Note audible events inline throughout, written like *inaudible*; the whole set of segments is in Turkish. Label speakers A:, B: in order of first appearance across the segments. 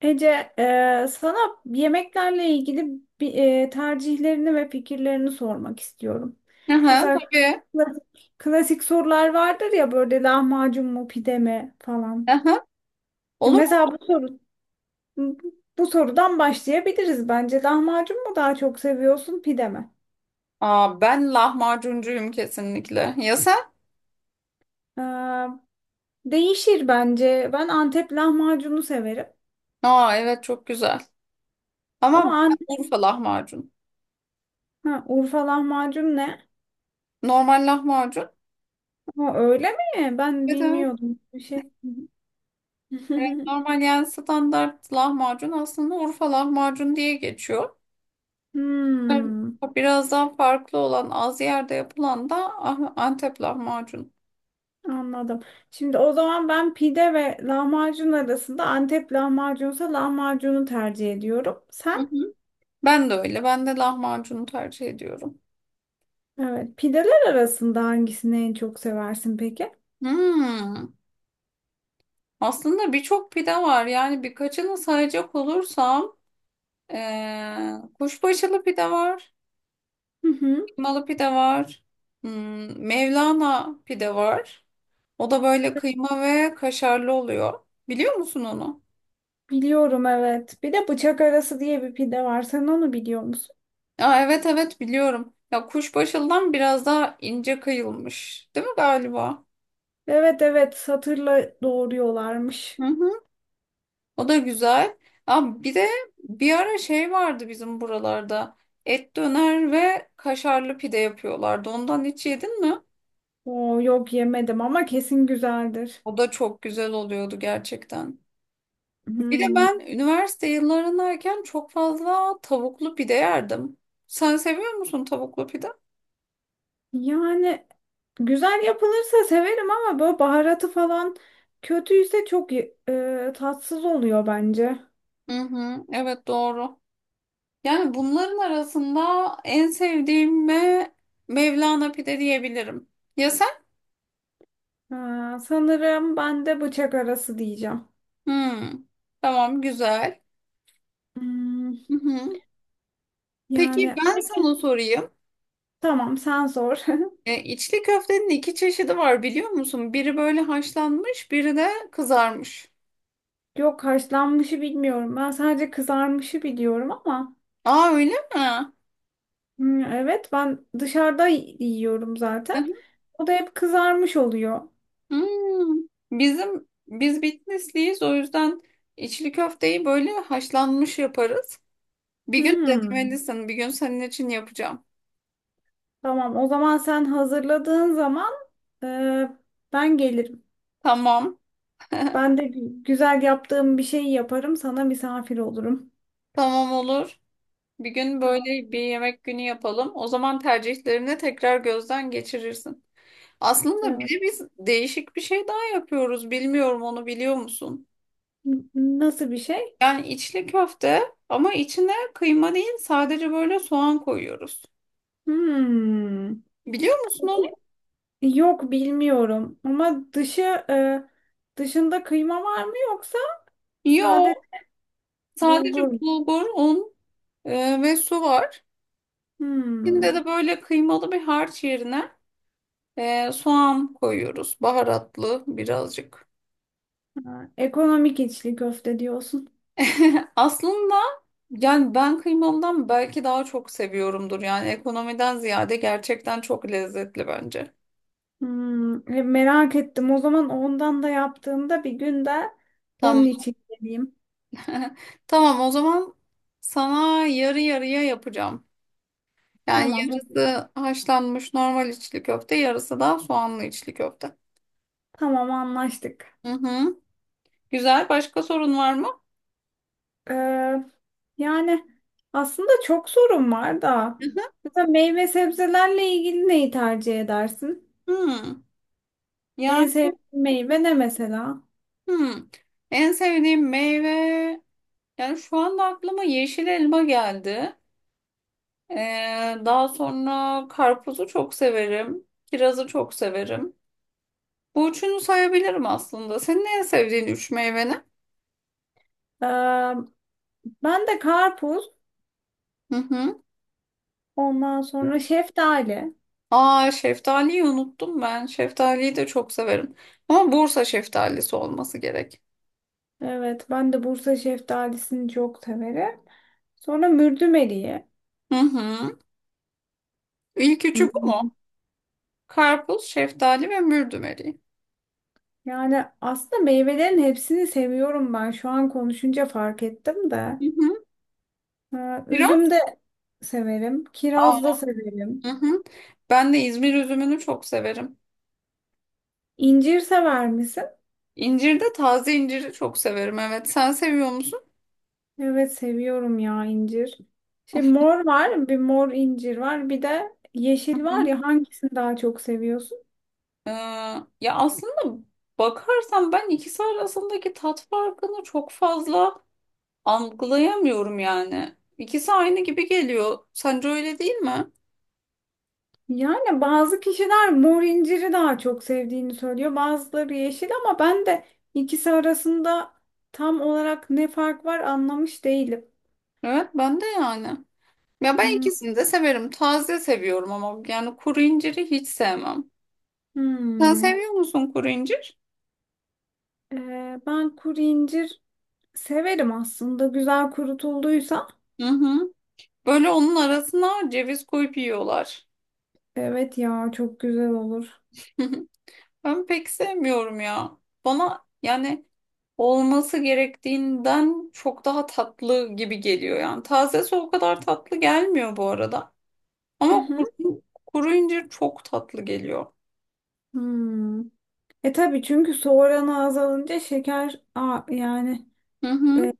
A: Ece, sana yemeklerle ilgili bir, tercihlerini ve fikirlerini sormak istiyorum.
B: Aha,
A: Mesela
B: tabii.
A: klasik sorular vardır ya böyle lahmacun mu pide mi falan.
B: Aha. Olur mu?
A: Mesela bu sorudan başlayabiliriz bence. Lahmacun mu daha çok seviyorsun pide mi?
B: Aa, ben lahmacuncuyum kesinlikle. Ya sen?
A: E, Değişir bence. Ben Antep lahmacunu severim.
B: Aa, evet çok güzel.
A: Ama
B: Ama
A: An-
B: ben Urfa lahmacun.
A: ha, Urfa lahmacun ne?
B: Normal lahmacun.
A: Ama öyle mi? Ben
B: Evet, evet.
A: bilmiyordum bir şey.
B: Evet,
A: *laughs*
B: normal yani standart lahmacun aslında Urfa lahmacun diye geçiyor. Evet,
A: Hmm,
B: biraz daha farklı olan az yerde yapılan da Antep lahmacun.
A: anladım. Şimdi o zaman ben pide ve lahmacun arasında Antep lahmacunsa lahmacunu tercih ediyorum.
B: Hı
A: Sen?
B: hı. Ben de öyle. Ben de lahmacunu tercih ediyorum.
A: Evet. Pideler arasında hangisini en çok seversin peki?
B: Hmm. Aslında birçok pide var. Yani birkaçını sayacak olursam kuşbaşılı pide var.
A: Hı hı.
B: Kıymalı pide var. Mevlana pide var. O da böyle kıyma ve kaşarlı oluyor. Biliyor musun onu?
A: Biliyorum evet. Bir de bıçak arası diye bir pide var. Sen onu biliyor musun?
B: Aa, evet, evet biliyorum. Ya kuşbaşılıdan biraz daha ince kıyılmış. Değil mi galiba?
A: Evet evet, satırla doğruyorlarmış.
B: Hı hı. O da güzel. Aa, bir de bir ara şey vardı bizim buralarda. Et döner ve kaşarlı pide yapıyorlardı. Ondan hiç yedin mi?
A: Oo, yok yemedim ama kesin güzeldir.
B: O da çok güzel oluyordu gerçekten. Bir de
A: Hmm.
B: ben üniversite yıllarındayken çok fazla tavuklu pide yerdim. Sen seviyor musun tavuklu pide?
A: Yani güzel yapılırsa severim ama böyle baharatı falan kötüyse çok tatsız oluyor bence.
B: Hı hı, evet doğru. Yani bunların arasında en sevdiğime Mevlana pide diyebilirim. Ya sen?
A: Ha, sanırım ben de bıçak arası diyeceğim.
B: Hmm, tamam güzel.
A: Hmm,
B: Hı hı. Peki
A: yani
B: ben sana sorayım.
A: tamam sen sor.
B: İçli köftenin iki çeşidi var biliyor musun? Biri böyle haşlanmış, biri de kızarmış.
A: *laughs* Yok, haşlanmışı bilmiyorum. Ben sadece kızarmışı biliyorum ama
B: Aa, öyle mi?
A: hmm, evet ben dışarıda yiyorum zaten. O da hep kızarmış oluyor.
B: Hmm, biz Bitlisliyiz, o yüzden içli köfteyi böyle haşlanmış yaparız. Bir gün
A: Hmm,
B: denemelisin. Bir gün senin için yapacağım.
A: tamam o zaman sen hazırladığın zaman e, ben gelirim.
B: Tamam. *laughs*
A: Ben de güzel yaptığım bir şey yaparım. Sana misafir olurum.
B: Tamam olur. Bir gün
A: Tamam.
B: böyle bir yemek günü yapalım. O zaman tercihlerini tekrar gözden geçirirsin. Aslında bir
A: Evet.
B: de biz değişik bir şey daha yapıyoruz. Bilmiyorum, onu biliyor musun?
A: Nasıl bir şey?
B: Yani içli köfte ama içine kıyma değil, sadece böyle soğan koyuyoruz.
A: Hmm.
B: Biliyor musun
A: Peki,
B: onu?
A: yok bilmiyorum. Ama dışı e, dışında kıyma var mı yoksa sade
B: Yo. Sadece
A: bulgur mu?
B: bulgur, un ve su var. İçinde de
A: Hmm.
B: böyle kıymalı bir harç yerine soğan koyuyoruz. Baharatlı birazcık.
A: Ha, ekonomik içli köfte diyorsun.
B: *laughs* Aslında yani ben kıymalıdan belki daha çok seviyorumdur. Yani ekonomiden ziyade gerçekten çok lezzetli bence.
A: Hmm. E, merak ettim. O zaman ondan da yaptığımda bir gün de onun
B: Tamam.
A: için geleyim.
B: *laughs* Tamam, o zaman sana yarı yarıya yapacağım. Yani
A: Tamam.
B: yarısı haşlanmış normal içli köfte, yarısı da soğanlı içli köfte.
A: Tamam, anlaştık.
B: Hı hı. Güzel. Başka sorun var mı?
A: Ee, Yani aslında çok sorun var da. Mesela meyve sebzelerle ilgili neyi tercih edersin?
B: Hmm,
A: En
B: yani
A: sevdiğin meyve ne mesela?
B: hmm. En sevdiğim meyve yani şu anda aklıma yeşil elma geldi. Ee, daha sonra karpuzu çok severim. Kirazı çok severim. Bu üçünü sayabilirim aslında. Senin en sevdiğin üç meyve ne?
A: Ee, Ben de karpuz,
B: Hı hı.
A: ondan
B: Hı?
A: sonra şeftali.
B: Aa, şeftaliyi unuttum ben. Şeftaliyi de çok severim. Ama Bursa şeftalisi olması gerek.
A: Evet, ben de Bursa şeftalisini çok severim. Sonra mürdümeliyi.
B: Hı hı. İlk
A: Hı
B: üçü bu mu?
A: hı.
B: Karpuz, şeftali ve mürdümeri.
A: Yani aslında meyvelerin hepsini seviyorum ben. Şu an konuşunca fark ettim de.
B: Hı hı.
A: Ha, üzüm
B: Kiraz?
A: de severim. Kiraz da
B: Hı
A: severim.
B: hı. Ben de İzmir üzümünü çok severim.
A: İncir sever misin?
B: İncir de, taze inciri çok severim. Evet, sen seviyor musun?
A: Evet, seviyorum ya incir. Şey, mor var, bir mor incir var, bir de
B: Hı
A: yeşil
B: hı.
A: var ya, hangisini daha çok seviyorsun?
B: Ee, ya aslında bakarsan ben ikisi arasındaki tat farkını çok fazla algılayamıyorum yani. İkisi aynı gibi geliyor. Sence öyle değil mi?
A: Yani bazı kişiler mor inciri daha çok sevdiğini söylüyor, bazıları yeşil ama ben de ikisi arasında tam olarak ne fark var anlamış değilim.
B: Evet, ben de yani. Ya ben
A: Hmm,
B: ikisini de severim. Taze seviyorum ama yani kuru inciri hiç sevmem. Sen
A: hmm.
B: seviyor musun kuru incir?
A: Ben kuru incir severim aslında, güzel kurutulduysa.
B: Hı hı. Böyle onun arasına ceviz koyup yiyorlar.
A: Evet ya, çok güzel olur.
B: *laughs* Ben pek sevmiyorum ya. Bana yani olması gerektiğinden çok daha tatlı gibi geliyor yani. Tazesi o kadar tatlı gelmiyor bu arada.
A: Hı
B: Ama
A: hı.
B: kuru incir çok tatlı geliyor.
A: Hmm. E tabii, çünkü su oranı azalınca yani
B: Hı hı.
A: e,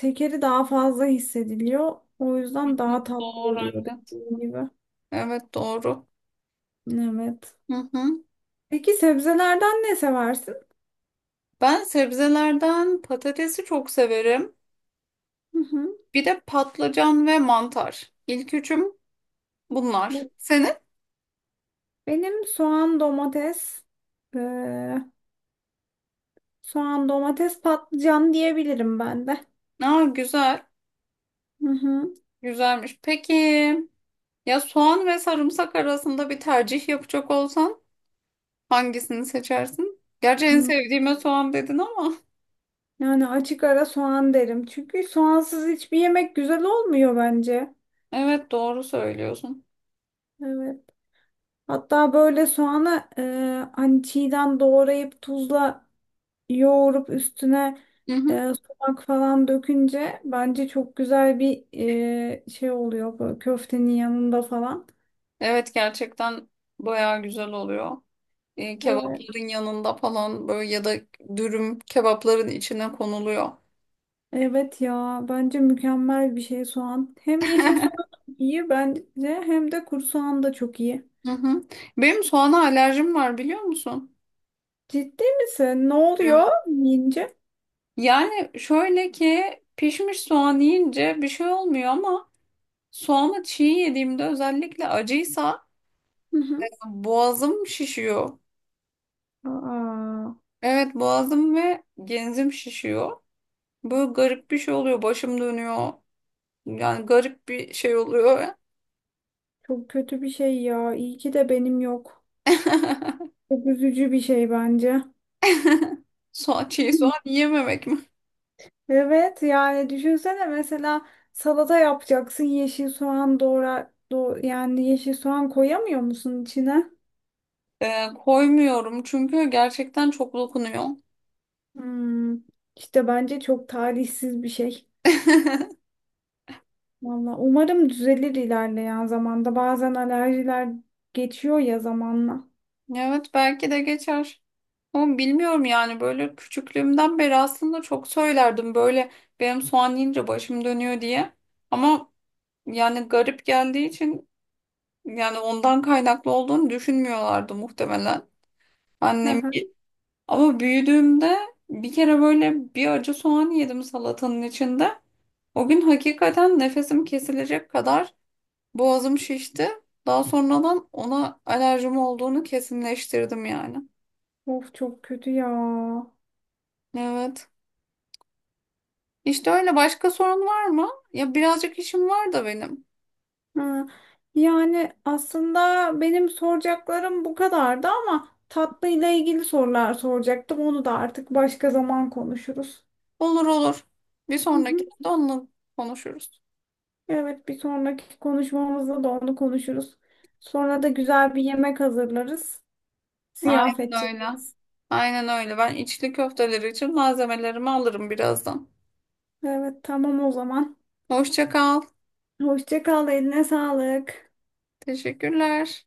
A: şekeri daha fazla hissediliyor. O yüzden daha tatlı
B: Doğru.
A: oluyor,
B: Evet.
A: dediğim gibi.
B: Evet, doğru.
A: Evet.
B: Hı hı.
A: Peki sebzelerden ne seversin?
B: Ben sebzelerden patatesi çok severim.
A: Hı hı.
B: Bir de patlıcan ve mantar. İlk üçüm bunlar.
A: Bu.
B: Senin?
A: Benim soğan, domates, eee, patlıcan diyebilirim ben de.
B: Aa, güzel.
A: Hı hı.
B: Güzelmiş. Peki. Ya soğan ve sarımsak arasında bir tercih yapacak olsan hangisini seçersin? Gerçi en
A: Hı.
B: sevdiğime soğan dedin ama. *laughs*
A: Yani açık ara soğan derim. Çünkü soğansız hiçbir yemek güzel olmuyor bence.
B: Evet, doğru söylüyorsun.
A: Evet. Hatta böyle soğanı hani çiğden doğrayıp tuzla yoğurup üstüne
B: Hı hı.
A: sumak falan dökünce bence çok güzel bir şey oluyor böyle, köftenin yanında falan.
B: Evet, gerçekten bayağı güzel oluyor.
A: Evet.
B: Kebapların yanında falan, böyle ya da dürüm kebapların içine konuluyor.
A: Evet ya, bence mükemmel bir şey soğan. Hem yeşil soğan iyi bence, hem de kuru soğan da çok iyi.
B: Hı hı. Benim soğana alerjim var, biliyor musun?
A: Ciddi misin? Ne
B: Evet.
A: oluyor yiyince?
B: Yani şöyle ki pişmiş soğan yiyince bir şey olmuyor ama soğanı çiğ yediğimde, özellikle acıysa,
A: Hı hı.
B: boğazım şişiyor.
A: Aa,
B: Evet, boğazım ve genzim şişiyor. Böyle garip bir şey oluyor. Başım dönüyor. Yani garip bir şey oluyor.
A: çok kötü bir şey ya. İyi ki de benim yok.
B: *laughs*
A: Çok üzücü bir şey bence.
B: Çiğ soğan
A: *laughs*
B: yememek mi?
A: Evet, yani düşünsene mesela salata yapacaksın, yeşil soğan doğra do yani yeşil soğan koyamıyor musun içine?
B: Koymuyorum çünkü gerçekten çok dokunuyor.
A: Hmm, işte bence çok talihsiz bir şey.
B: *laughs*
A: Valla umarım düzelir ilerleyen zamanda. Bazen alerjiler geçiyor ya zamanla.
B: Evet, belki de geçer. Ama bilmiyorum yani, böyle küçüklüğümden beri aslında çok söylerdim böyle, benim soğan yiyince başım dönüyor diye. Ama yani garip geldiği için, yani ondan kaynaklı olduğunu düşünmüyorlardı muhtemelen
A: Hı
B: annem.
A: hı.
B: Ama büyüdüğümde bir kere böyle bir acı soğan yedim salatanın içinde. O gün hakikaten nefesim kesilecek kadar boğazım şişti. Daha sonradan ona alerjim olduğunu kesinleştirdim yani.
A: Of çok kötü ya.
B: Evet. İşte öyle, başka sorun var mı? Ya birazcık işim var da benim.
A: Hı. Yani aslında benim soracaklarım bu kadardı ama tatlıyla ilgili sorular soracaktım. Onu da artık başka zaman konuşuruz.
B: Olur, olur. Bir
A: *laughs*
B: sonrakinde onunla konuşuruz.
A: Evet, bir sonraki konuşmamızda da onu konuşuruz. Sonra da güzel bir yemek hazırlarız. Ziyafet
B: Aynen öyle.
A: çekeriz.
B: Aynen öyle. Ben içli köfteleri için malzemelerimi alırım birazdan.
A: Evet, tamam o zaman.
B: Hoşça kal.
A: Hoşça kal, eline sağlık.
B: Teşekkürler.